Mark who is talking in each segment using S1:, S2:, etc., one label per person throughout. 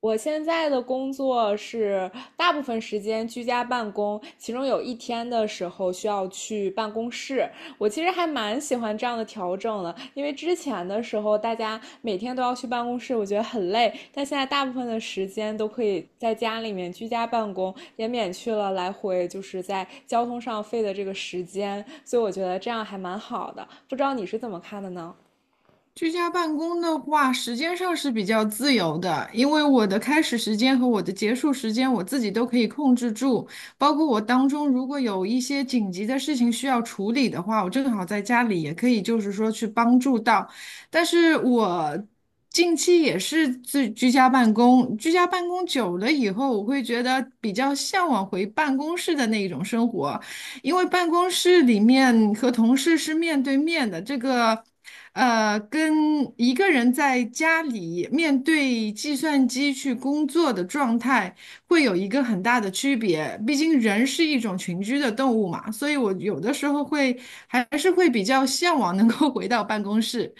S1: 我现在的工作是大部分时间居家办公，其中有一天的时候需要去办公室。我其实还蛮喜欢这样的调整的，因为之前的时候大家每天都要去办公室，我觉得很累。但现在大部分的时间都可以在家里面居家办公，也免去了来回就是在交通上费的这个时间，所以我觉得这样还蛮好的。不知道你是怎么看的呢？
S2: 居家办公的话，时间上是比较自由的，因为我的开始时间和我的结束时间我自己都可以控制住，包括我当中如果有一些紧急的事情需要处理的话，我正好在家里也可以就是说去帮助到。但是我近期也是自居家办公，居家办公久了以后，我会觉得比较向往回办公室的那一种生活。因为办公室里面和同事是面对面的，这个，跟一个人在家里面对计算机去工作的状态会有一个很大的区别。毕竟人是一种群居的动物嘛，所以我有的时候还是会比较向往能够回到办公室。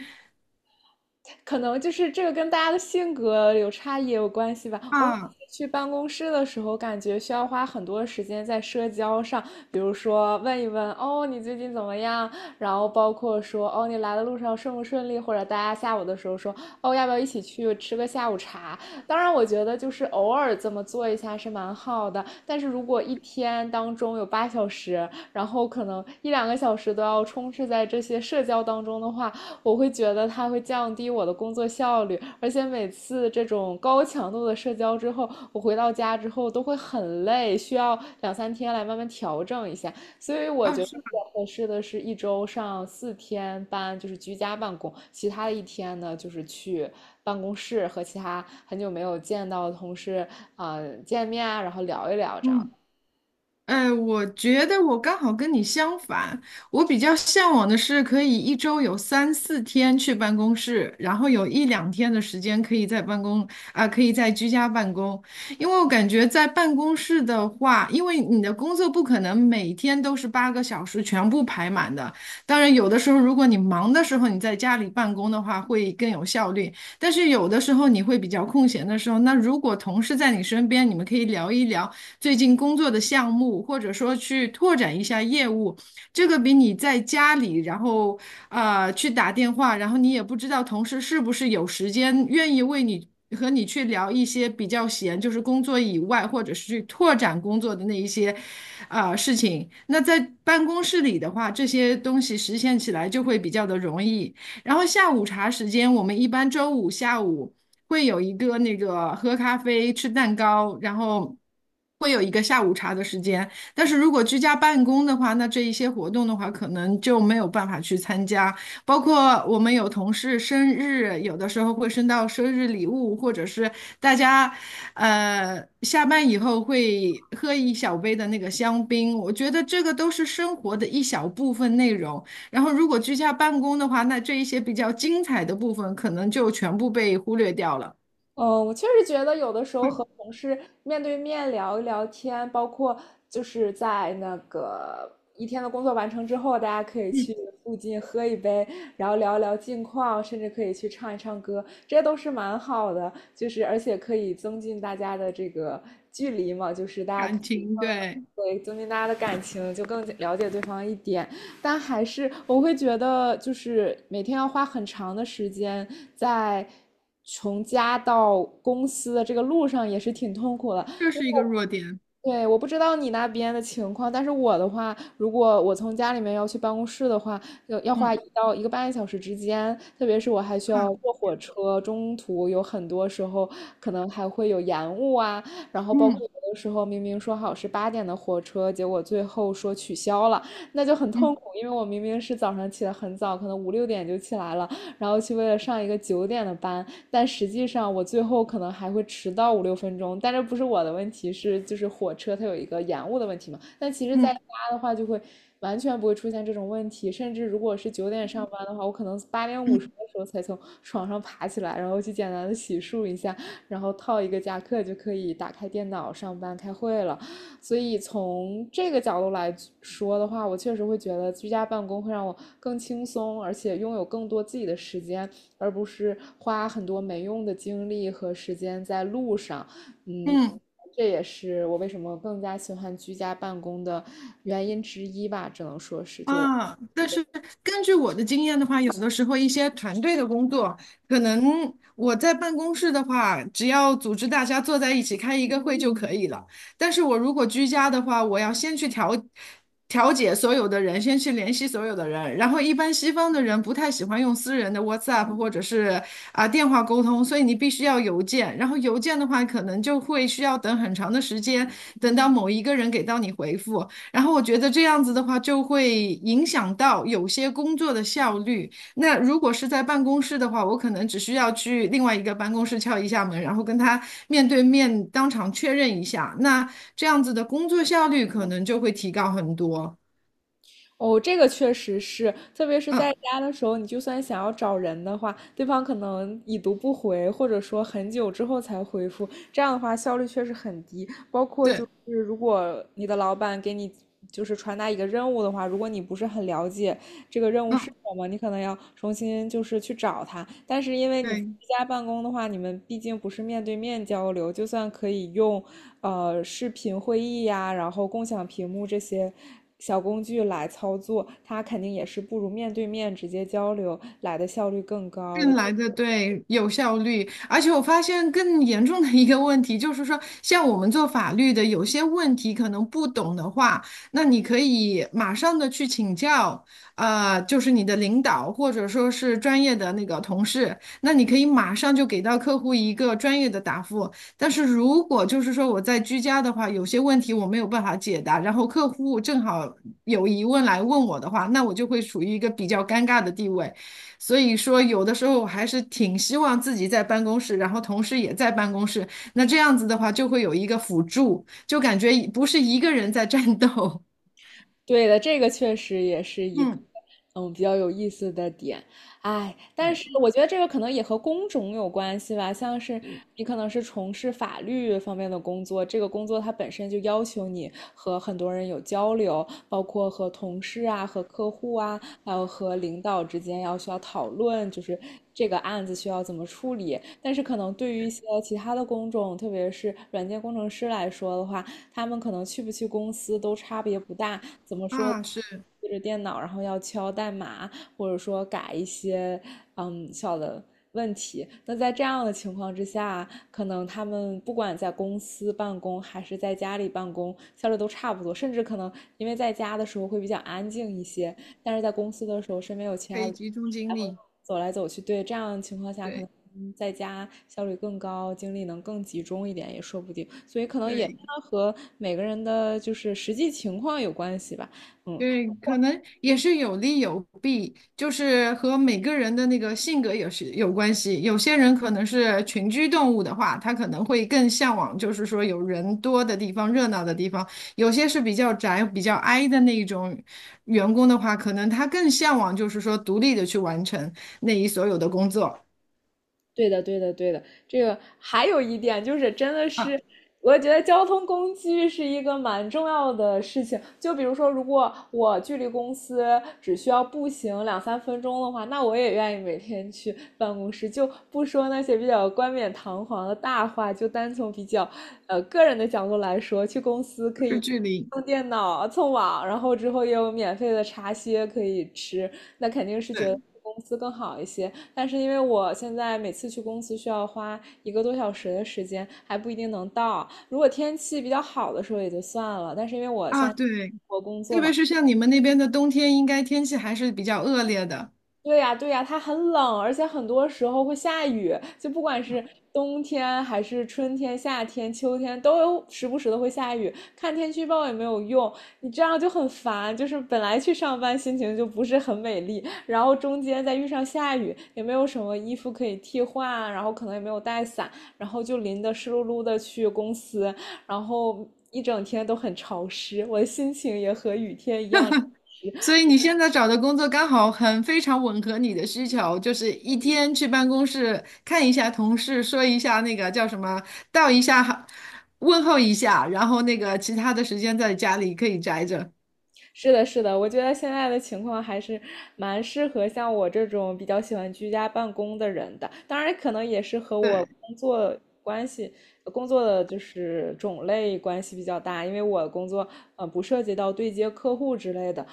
S1: 可能就是这个跟大家的性格有差异也有关系吧。我每
S2: 啊
S1: 次去办公室的时候，感觉需要花很多时间在社交上，比如说问一问哦你最近怎么样，然后包括说哦你来的路上顺不顺利，或者大家下午的时候说哦要不要一起去吃个下午茶。当然，我觉得就是偶尔这么做一下是蛮好的，但是如果一天当中有8小时，然后可能一两个小时都要充斥在这些社交当中的话，我会觉得它会降低我的工作效率，而且每次这种高强度的社交之后，我回到家之后都会很累，需要两三天来慢慢调整一下。所以我
S2: 啊，
S1: 觉得
S2: 是
S1: 比
S2: 吗？
S1: 较合适的是一周上4天班，就是居家办公，其他的一天呢就是去办公室和其他很久没有见到的同事啊、见面啊，然后聊一聊这样。
S2: 嗯。我觉得我刚好跟你相反，我比较向往的是可以一周有三四天去办公室，然后有一两天的时间可以在居家办公。因为我感觉在办公室的话，因为你的工作不可能每天都是8个小时全部排满的。当然，有的时候如果你忙的时候你在家里办公的话，会更有效率。但是有的时候你会比较空闲的时候，那如果同事在你身边，你们可以聊一聊。最近工作的项目，或者说去拓展一下业务，这个比你在家里，然后去打电话，然后你也不知道同事是不是有时间愿意为你和你去聊一些比较闲，就是工作以外，或者是去拓展工作的那一些事情。那在办公室里的话，这些东西实现起来就会比较的容易。然后下午茶时间，我们一般周五下午会有一个喝咖啡、吃蛋糕，然后会有一个下午茶的时间。但是如果居家办公的话，那这一些活动的话，可能就没有办法去参加。包括我们有同事生日，有的时候会升到生日礼物，或者是大家下班以后会喝一小杯的那个香槟。我觉得这个都是生活的一小部分内容。然后，如果居家办公的话，那这一些比较精彩的部分可能就全部被忽略掉了。
S1: 嗯，我确实觉得有的时候和同事面对面聊一聊天，包括就是在那个一天的工作完成之后，大家可以
S2: 嗯，
S1: 去附近喝一杯，然后聊一聊近况，甚至可以去唱一唱歌，这些都是蛮好的。就是而且可以增进大家的这个距离嘛，就是大家
S2: 感
S1: 可以
S2: 情，对，
S1: 对增进大家的感情，就更了解对方一点。但还是我会觉得，就是每天要花很长的时间在从家到公司的这个路上也是挺痛苦的。
S2: 这是一个弱点。
S1: 对，我不知道你那边的情况，但是我的话，如果我从家里面要去办公室的话，要花
S2: 嗯
S1: 一到一个半小时之间，特别是我还需
S2: 啊，
S1: 要坐火车，中途有很多时候可能还会有延误啊，然后包括
S2: 嗯
S1: 有的时候明明说好是8点的火车，结果最后说取消了，那就很痛
S2: 嗯
S1: 苦，因为我明明是早上起得很早，可能五六点就起来了，然后去为了上一个9点的班，但实际上我最后可能还会迟到五六分钟，但这不是我的问题，是就是火车它有一个延误的问题嘛。但其实在
S2: 嗯
S1: 家的话，就会完全不会出现这种问题，甚至如果是9点上班的话，我可能8点50
S2: 嗯
S1: 的时候才从床上爬起来，然后去简单的洗漱一下，然后套一个夹克就可以打开电脑上班开会了。所以从这个角度来说的话，我确实会觉得居家办公会让我更轻松，而且拥有更多自己的时间而不是花很多没用的精力和时间在路上。嗯，
S2: 嗯。
S1: 这也是我为什么更加喜欢居家办公的原因之一吧，只能说是就我。
S2: 啊，但是根据我的经验的话，有的时候一些团队的工作，可能我在办公室的话，只要组织大家坐在一起开一个会就可以了。但是我如果居家的话，我要先去调解所有的人，先去联系所有的人。然后一般西方的人不太喜欢用私人的 WhatsApp 或者是电话沟通，所以你必须要邮件。然后邮件的话，可能就会需要等很长的时间，等到某一个人给到你回复。然后我觉得这样子的话，就会影响到有些工作的效率。那如果是在办公室的话，我可能只需要去另外一个办公室敲一下门，然后跟他面对面当场确认一下，那这样子的工作效率可能就会提高很多。
S1: 哦，这个确实是，特别是在
S2: 嗯，
S1: 家的时候，你就算想要找人的话，对方可能已读不回，或者说很久之后才回复，这样的话效率确实很低。包括就
S2: 对，
S1: 是如果你的老板给你就是传达一个任务的话，如果你不是很了解这个任务是
S2: 嗯，
S1: 什么，你可能要重新就是去找他。但是因为你居
S2: 对。
S1: 家办公的话，你们毕竟不是面对面交流，就算可以用视频会议呀，然后共享屏幕这些小工具来操作，它肯定也是不如面对面直接交流来的效率更高
S2: 更
S1: 的。
S2: 来的对有效率，而且我发现更严重的一个问题就是说，像我们做法律的，有些问题可能不懂的话，那你可以马上的去请教，就是你的领导或者说是专业的那个同事，那你可以马上就给到客户一个专业的答复。但是如果就是说我在居家的话，有些问题我没有办法解答，然后客户正好有疑问来问我的话，那我就会处于一个比较尴尬的地位。所以说，有的时候我还是挺希望自己在办公室，然后同事也在办公室。那这样子的话，就会有一个辅助，就感觉不是一个人在战斗。
S1: 对的，这个确实也是 一个
S2: 嗯，
S1: 比较有意思的点。哎，但
S2: 对，
S1: 是我觉得这个可能也和工种有关系吧，像是你可能是从事法律方面的工作，这个工作它本身就要求你和很多人有交流，包括和同事啊、和客户啊，还有和领导之间要需要讨论，就是这个案子需要怎么处理。但是可能对于一些其他的工种，特别是软件工程师来说的话，他们可能去不去公司都差别不大。怎么说？
S2: 啊，是
S1: 对着电脑，然后要敲代码，或者说改一些小的问题。那在这样的情况之下，可能他们不管在公司办公还是在家里办公，效率都差不多，甚至可能因为在家的时候会比较安静一些，但是在公司的时候身边有其
S2: 可
S1: 他
S2: 以
S1: 的，
S2: 集中精力。
S1: 走来走去，对，这样的情况下可
S2: 对
S1: 能在家效率更高，精力能更集中一点，也说不定。所以可能也
S2: 对。
S1: 和每个人的就是实际情况有关系吧。嗯，
S2: 对，可能也是有利有弊，就是和每个人的那个性格也是有关系。有些人可能是群居动物的话，他可能会更向往，就是说有人多的地方、热闹的地方；有些是比较宅、比较 i 的那一种员工的话，可能他更向往就是说独立的去完成那一所有的工作。
S1: 对的，对的，对的。这个还有一点就是，真的
S2: 啊，
S1: 是，我觉得交通工具是一个蛮重要的事情。就比如说，如果我距离公司只需要步行两三分钟的话，那我也愿意每天去办公室。就不说那些比较冠冕堂皇的大话，就单从比较个人的角度来说，去公司
S2: 不
S1: 可
S2: 是
S1: 以
S2: 距离。
S1: 用电脑、蹭网，然后之后也有免费的茶歇可以吃，那肯定是觉
S2: 对
S1: 得公司更好一些。但是因为我现在每次去公司需要花一个多小时的时间，还不一定能到。如果天气比较好的时候也就算了，但是因为我
S2: 啊，
S1: 现在
S2: 对，
S1: 我工作
S2: 特别
S1: 嘛。
S2: 是像你们那边的冬天，应该天气还是比较恶劣的。
S1: 对呀，对呀，它很冷，而且很多时候会下雨，就不管是冬天还是春天、夏天、秋天，都有时不时的会下雨。看天气预报也没有用，你这样就很烦。就是本来去上班心情就不是很美丽，然后中间再遇上下雨，也没有什么衣服可以替换，然后可能也没有带伞，然后就淋得湿漉漉的去公司，然后一整天都很潮湿，我的心情也和雨天一样。
S2: 所以你现在找的工作刚好很非常吻合你的需求，就是一天去办公室看一下同事，说一下那个叫什么，道一下好，问候一下，然后其他的时间在家里可以宅着。
S1: 是的，是的，我觉得现在的情况还是蛮适合像我这种比较喜欢居家办公的人的。当然，可能也是和我
S2: 对，
S1: 工作关系、工作的就是种类关系比较大，因为我工作不涉及到对接客户之类的，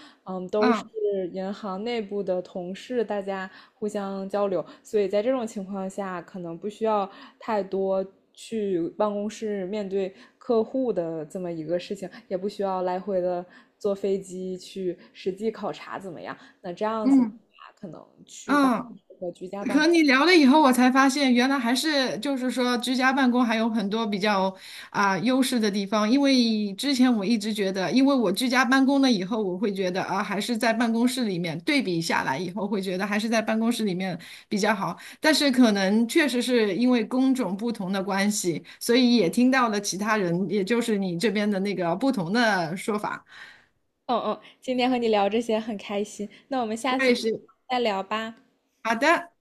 S1: 都是
S2: 嗯
S1: 银行内部的同事，大家互相交流，所以在这种情况下，可能不需要太多去办公室面对客户的这么一个事情，也不需要来回的坐飞机去实际考察怎么样。那这样子的
S2: 嗯
S1: 话，可能去办
S2: 嗯。
S1: 和居家办
S2: 和你
S1: 公。
S2: 聊了以后，我才发现原来还是就是说居家办公还有很多比较优势的地方。因为之前我一直觉得，因为我居家办公了以后，我会觉得啊，还是在办公室里面对比下来以后，会觉得还是在办公室里面比较好。但是可能确实是因为工种不同的关系，所以也听到了其他人，也就是你这边的那个不同的说法。
S1: 嗯嗯，今天和你聊这些很开心，那我们下
S2: 我
S1: 次
S2: 也是，
S1: 再聊吧。
S2: 好的。